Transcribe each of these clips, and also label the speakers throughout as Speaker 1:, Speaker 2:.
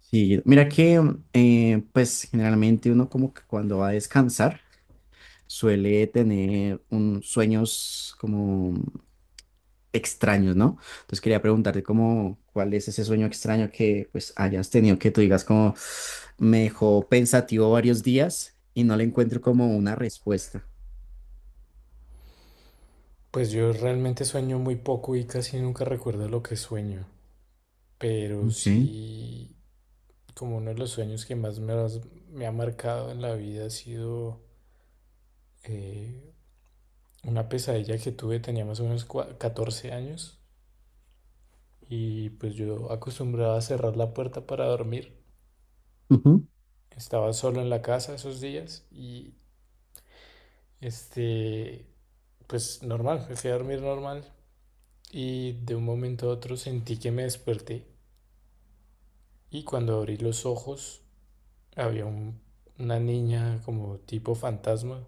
Speaker 1: Sí, mira que pues generalmente uno como que cuando va a descansar suele tener sueños como extraños, ¿no? Entonces quería preguntarte como cuál es ese sueño extraño que pues hayas tenido que tú digas como me dejó pensativo varios días y no le encuentro como una respuesta.
Speaker 2: Pues yo realmente sueño muy poco y casi nunca recuerdo lo que sueño, pero
Speaker 1: Ok,
Speaker 2: sí, como uno de los sueños que más me ha marcado en la vida ha sido eh, una pesadilla que tuve, tenía más o menos 14 años y pues yo acostumbraba a cerrar la puerta para dormir.
Speaker 1: ujú,
Speaker 2: Estaba solo en la casa esos días y este, pues normal, me fui a dormir normal y de un momento a otro sentí que me desperté, y cuando abrí los ojos había una niña como tipo fantasma,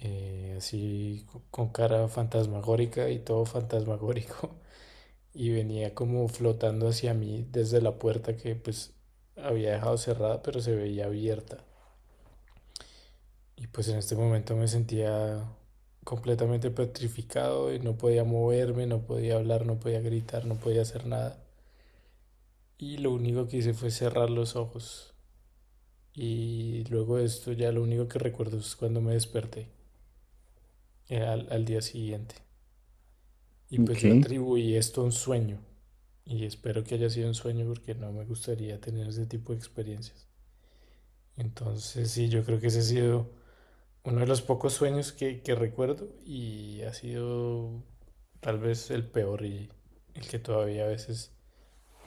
Speaker 2: con cara fantasmagórica y todo fantasmagórico, y venía como flotando hacia mí desde la puerta que pues había dejado cerrada, pero se veía abierta. Y pues en este momento me sentía completamente petrificado y no podía moverme, no podía hablar, no podía gritar, no podía hacer nada. Y lo único que hice fue cerrar los ojos. Y luego de esto ya lo único que recuerdo es cuando me desperté, al día siguiente. Y pues
Speaker 1: ok,
Speaker 2: yo atribuí esto a un sueño. Y espero que haya sido un sueño porque no me gustaría tener ese tipo de experiencias. Entonces sí, yo creo que ese ha sido uno de los pocos sueños que recuerdo y ha sido tal vez el peor y el que todavía a veces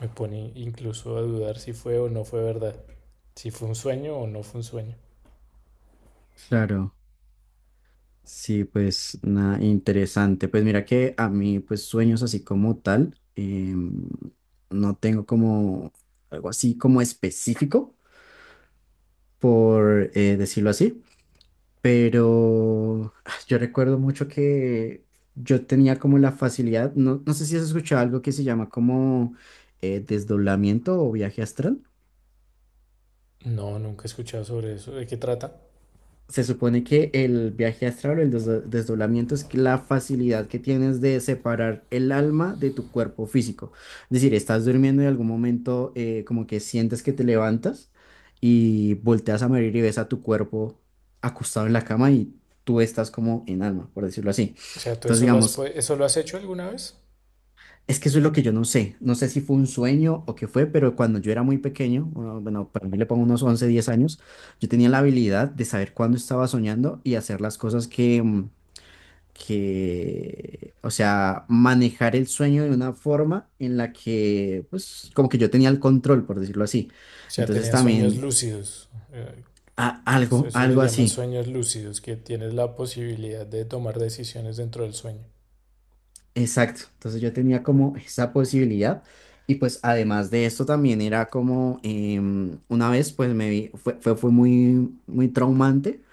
Speaker 2: me pone incluso a dudar si fue o no fue verdad. Si fue un sueño o no fue un sueño.
Speaker 1: claro. Sí, pues nada, interesante. Pues mira que a mí, pues sueños así como tal, no tengo como algo así como específico, por decirlo así, pero yo recuerdo mucho que yo tenía como la facilidad, no, no sé si has escuchado algo que se llama como desdoblamiento o viaje astral.
Speaker 2: No, nunca he escuchado sobre eso. ¿De qué trata?
Speaker 1: Se supone que el viaje astral o el desdoblamiento es que la facilidad que tienes de separar el alma de tu cuerpo físico. Es decir, estás durmiendo y en algún momento como que sientes que te levantas y volteas a morir y ves a tu cuerpo acostado en la cama y tú estás como en alma, por decirlo así.
Speaker 2: O sea, ¿tú
Speaker 1: Entonces,
Speaker 2: eso lo has,
Speaker 1: digamos,
Speaker 2: eso lo has hecho alguna vez?
Speaker 1: es que eso es lo que yo no sé. No sé si fue un sueño o qué fue, pero cuando yo era muy pequeño, bueno, bueno, para mí le pongo unos 11 10 años, yo tenía la habilidad de saber cuándo estaba soñando y hacer las cosas que, o sea, manejar el sueño de una forma en la que, pues, como que yo tenía el control, por decirlo así.
Speaker 2: O sea,
Speaker 1: Entonces
Speaker 2: tenía sueños
Speaker 1: también,
Speaker 2: lúcidos. Eso,
Speaker 1: algo,
Speaker 2: eso le
Speaker 1: algo
Speaker 2: llaman
Speaker 1: así.
Speaker 2: sueños lúcidos, que tienes la posibilidad de tomar decisiones dentro del sueño.
Speaker 1: Exacto, entonces yo tenía como esa posibilidad y pues además de esto también era como una vez pues me vi, fue muy, muy traumante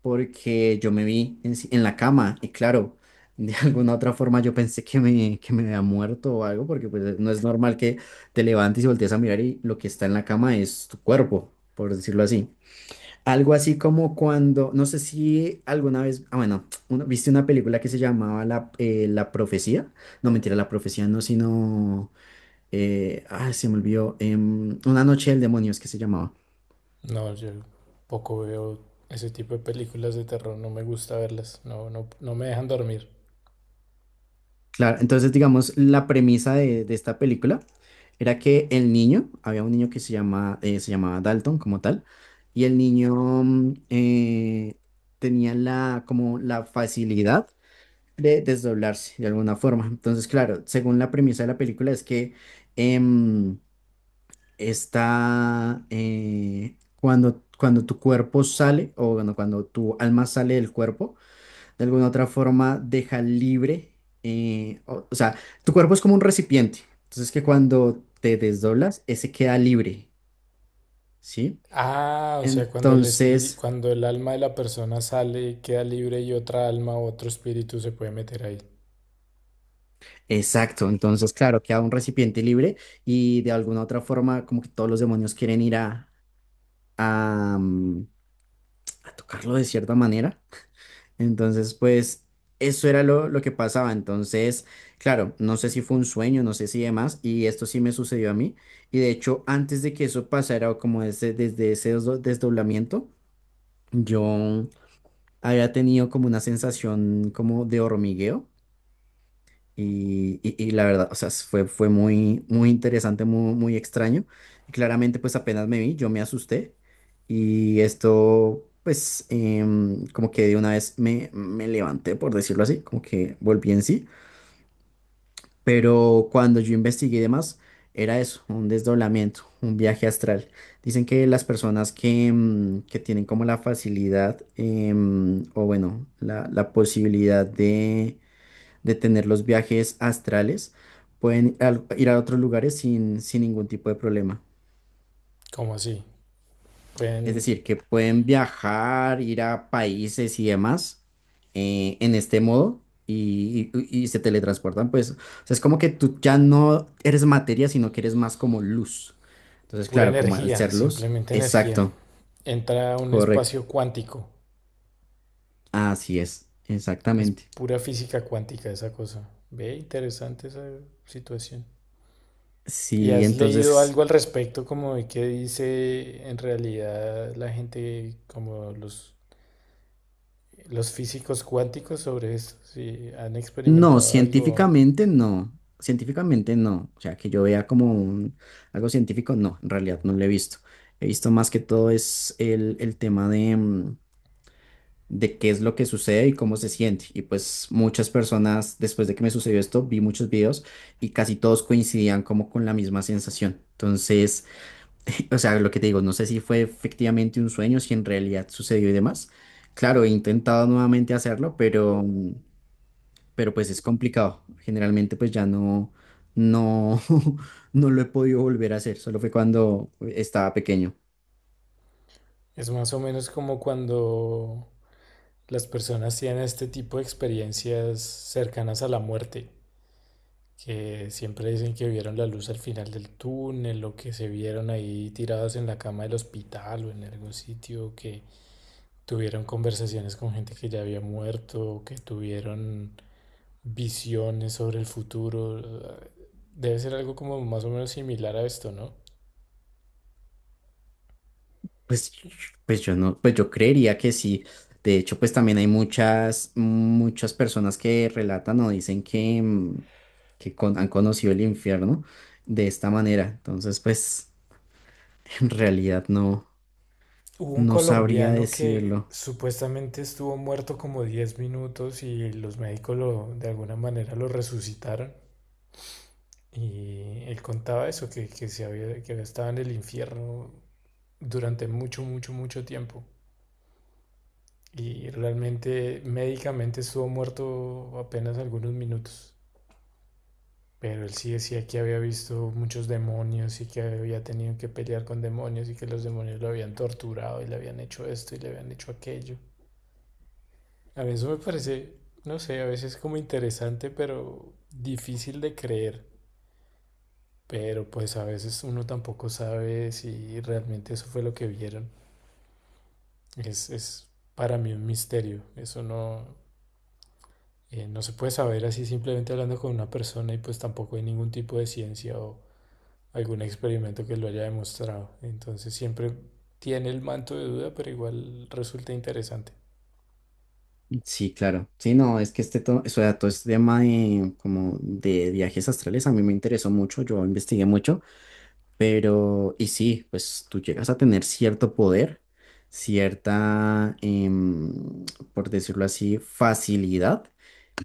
Speaker 1: porque yo me vi en, si- en la cama y claro, de alguna otra forma yo pensé que me había muerto o algo porque pues no es normal que te levantes y voltees a mirar y lo que está en la cama es tu cuerpo, por decirlo así. Algo así como cuando, no sé si alguna vez, bueno, viste una película que se llamaba La Profecía. No, mentira, La Profecía no, sino, se me olvidó, Una Noche del Demonio es que se llamaba.
Speaker 2: No, yo poco veo ese tipo de películas de terror, no me gusta verlas, no, no, no me dejan dormir.
Speaker 1: Claro, entonces digamos, la premisa de esta película era que el niño, había un niño que se llamaba Dalton como tal, y el niño mm, eh, tenía como la facilidad de desdoblarse de alguna forma. Entonces, claro, según la premisa de la película es que em, está cuando tu cuerpo sale, o bueno, cuando tu alma sale del cuerpo, de alguna otra forma deja libre, o sea, tu cuerpo es como un recipiente. Entonces, que cuando te desdoblas, ese queda libre, ¿sí?
Speaker 2: Ah, o sea, cuando el espíritu,
Speaker 1: Entonces…
Speaker 2: cuando el alma de la persona sale y queda libre y otra alma o otro espíritu se puede meter ahí.
Speaker 1: Exacto, entonces claro, queda un recipiente libre y de alguna otra forma como que todos los demonios quieren ir a, mm, a tocarlo de cierta manera. Entonces, pues eso era lo que pasaba. Entonces, claro, no sé si fue un sueño, no sé si demás, y esto sí me sucedió a mí. Y de hecho, antes de que eso pasara, o como desde ese desdoblamiento, yo había tenido como una sensación como de hormigueo. Y la verdad, o sea, fue muy, muy interesante, muy, muy extraño. Y claramente, pues apenas me vi, yo me asusté. Y esto, pues, como que de una vez me levanté, por decirlo así, como que volví en sí. Pero cuando yo investigué y demás, era eso, un desdoblamiento, un viaje astral. Dicen que las personas que tienen como la facilidad, o bueno, la posibilidad de tener los viajes astrales, pueden ir a otros lugares sin ningún tipo de problema.
Speaker 2: ¿Cómo así?
Speaker 1: Es
Speaker 2: Pueden,
Speaker 1: decir, que pueden viajar, ir a países y demás en este modo y se teletransportan. Pues, o sea, es como que tú ya no eres materia, sino que eres más como luz. Entonces,
Speaker 2: pura
Speaker 1: claro, como al
Speaker 2: energía,
Speaker 1: ser luz,
Speaker 2: simplemente energía.
Speaker 1: exacto,
Speaker 2: Entra a un
Speaker 1: correcto.
Speaker 2: espacio cuántico.
Speaker 1: Así es,
Speaker 2: Es
Speaker 1: exactamente.
Speaker 2: pura física cuántica esa cosa. Ve, interesante esa situación. ¿Y
Speaker 1: Sí,
Speaker 2: has leído
Speaker 1: entonces…
Speaker 2: algo al respecto como de qué dice en realidad la gente, como los físicos cuánticos sobre esto? Si han
Speaker 1: No,
Speaker 2: experimentado algo,
Speaker 1: científicamente no. Científicamente no. O sea, que yo vea como algo científico, no, en realidad no lo he visto. He visto más que todo es el tema de qué es lo que sucede y cómo se siente. Y pues muchas personas, después de que me sucedió esto, vi muchos videos y casi todos coincidían como con la misma sensación. Entonces, o sea, lo que te digo, no sé si fue efectivamente un sueño, si en realidad sucedió y demás. Claro, he intentado nuevamente hacerlo, pero pues es complicado. Generalmente pues ya no, no, no lo he podido volver a hacer, solo fue cuando estaba pequeño.
Speaker 2: es más o menos como cuando las personas tienen este tipo de experiencias cercanas a la muerte, que siempre dicen que vieron la luz al final del túnel o que se vieron ahí tiradas en la cama del hospital o en algún sitio, que tuvieron conversaciones con gente que ya había muerto, o que tuvieron visiones sobre el futuro. Debe ser algo como más o menos similar a esto, ¿no?
Speaker 1: Pues, pues yo no, pues yo creería que sí. De hecho, pues también hay muchas, muchas personas que relatan o dicen que han conocido el infierno de esta manera. Entonces, pues en realidad no,
Speaker 2: Hubo un
Speaker 1: no sabría
Speaker 2: colombiano que
Speaker 1: decirlo.
Speaker 2: supuestamente estuvo muerto como 10 minutos y los médicos lo, de alguna manera lo resucitaron. Y él contaba eso, se había, que había estado en el infierno durante mucho, mucho, mucho tiempo. Y realmente médicamente estuvo muerto apenas algunos minutos. Pero él sí decía que había visto muchos demonios y que había tenido que pelear con demonios y que los demonios lo habían torturado y le habían hecho esto y le habían hecho aquello. A mí eso me parece, no sé, a veces como interesante, pero difícil de creer. Pero pues a veces uno tampoco sabe si realmente eso fue lo que vieron. Es para mí un misterio. Eso no, no se puede saber así simplemente hablando con una persona y pues tampoco hay ningún tipo de ciencia o algún experimento que lo haya demostrado. Entonces siempre tiene el manto de duda, pero igual resulta interesante.
Speaker 1: Sí, claro. Sí, no, es que este todo, o sea, todo este tema de, como de viajes astrales a mí me interesó mucho, yo investigué mucho, pero, y sí, pues tú llegas a tener cierto poder, cierta, por decirlo así, facilidad.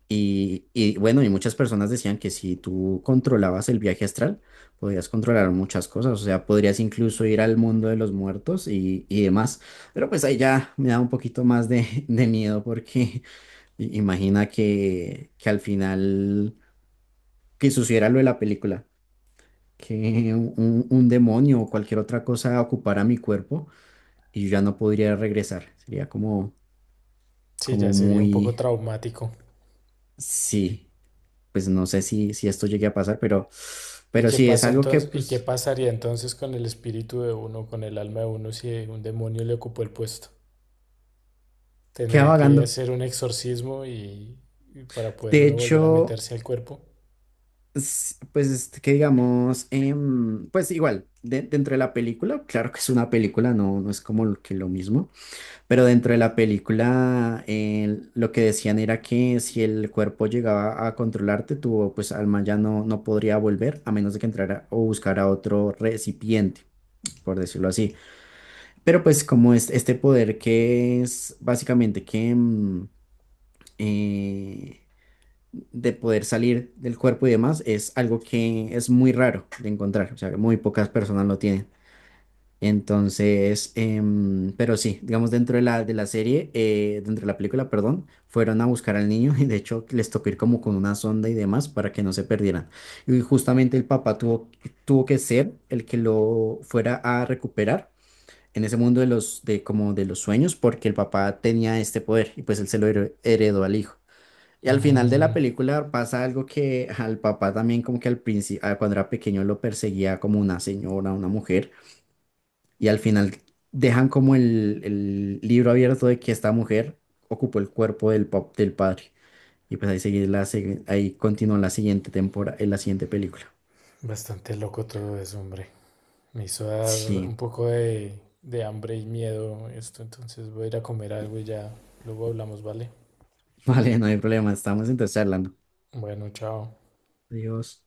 Speaker 1: Y bueno, y muchas personas decían que si tú controlabas el viaje astral, podías controlar muchas cosas, o sea, podrías incluso ir al mundo de los muertos y demás. Pero pues ahí ya me da un poquito más de miedo porque… Imagina que al final, que sucediera lo de la película, que un demonio o cualquier otra cosa ocupara mi cuerpo y yo ya no podría regresar. Sería como,
Speaker 2: Sí,
Speaker 1: como
Speaker 2: ya sería un poco
Speaker 1: muy,
Speaker 2: traumático.
Speaker 1: sí, pues no sé si esto llegue a pasar, pero,
Speaker 2: ¿Y
Speaker 1: pero
Speaker 2: qué
Speaker 1: sí, es
Speaker 2: pasa
Speaker 1: algo que
Speaker 2: entonces, y qué
Speaker 1: pues
Speaker 2: pasaría entonces con el espíritu de uno, con el alma de uno si un demonio le ocupó el puesto?
Speaker 1: queda
Speaker 2: Tendrían que
Speaker 1: vagando.
Speaker 2: hacer un exorcismo y para poder
Speaker 1: De
Speaker 2: uno volver a
Speaker 1: hecho,
Speaker 2: meterse al cuerpo.
Speaker 1: pues este, que digamos, pues igual, dentro de la película, claro que es una película, no, no es como que lo mismo. Pero dentro de la película, lo que decían era que si el cuerpo llegaba a controlarte, tu pues alma ya no, no podría volver a menos de que entrara o buscara otro recipiente, por decirlo así. Pero pues como es este poder que es básicamente que eh, de poder salir del cuerpo y demás, es algo que es muy raro de encontrar, o sea, que muy pocas personas lo tienen. Entonces, pero sí, digamos dentro de la serie, dentro de la película, perdón, fueron a buscar al niño y de hecho les tocó ir como con una sonda y demás para que no se perdieran. Y justamente el papá tuvo que ser el que lo fuera a recuperar en ese mundo de como de los sueños, porque el papá tenía este poder y pues él se lo heredó al hijo. Y al final de la
Speaker 2: Mm,
Speaker 1: película pasa algo que al papá también como que al principio, cuando era pequeño lo perseguía como una señora, una mujer y al final dejan como el libro abierto de que esta mujer ocupó el cuerpo del, del padre. Y pues ahí sigue ahí continúa la siguiente temporada, en la siguiente película.
Speaker 2: bastante loco todo eso, hombre. Me hizo dar
Speaker 1: Sí,
Speaker 2: un poco de hambre y miedo esto, entonces voy a ir a comer algo y ya luego hablamos, ¿vale?
Speaker 1: vale, no hay problema, estamos entonces hablando.
Speaker 2: Bueno, chao.
Speaker 1: Adiós.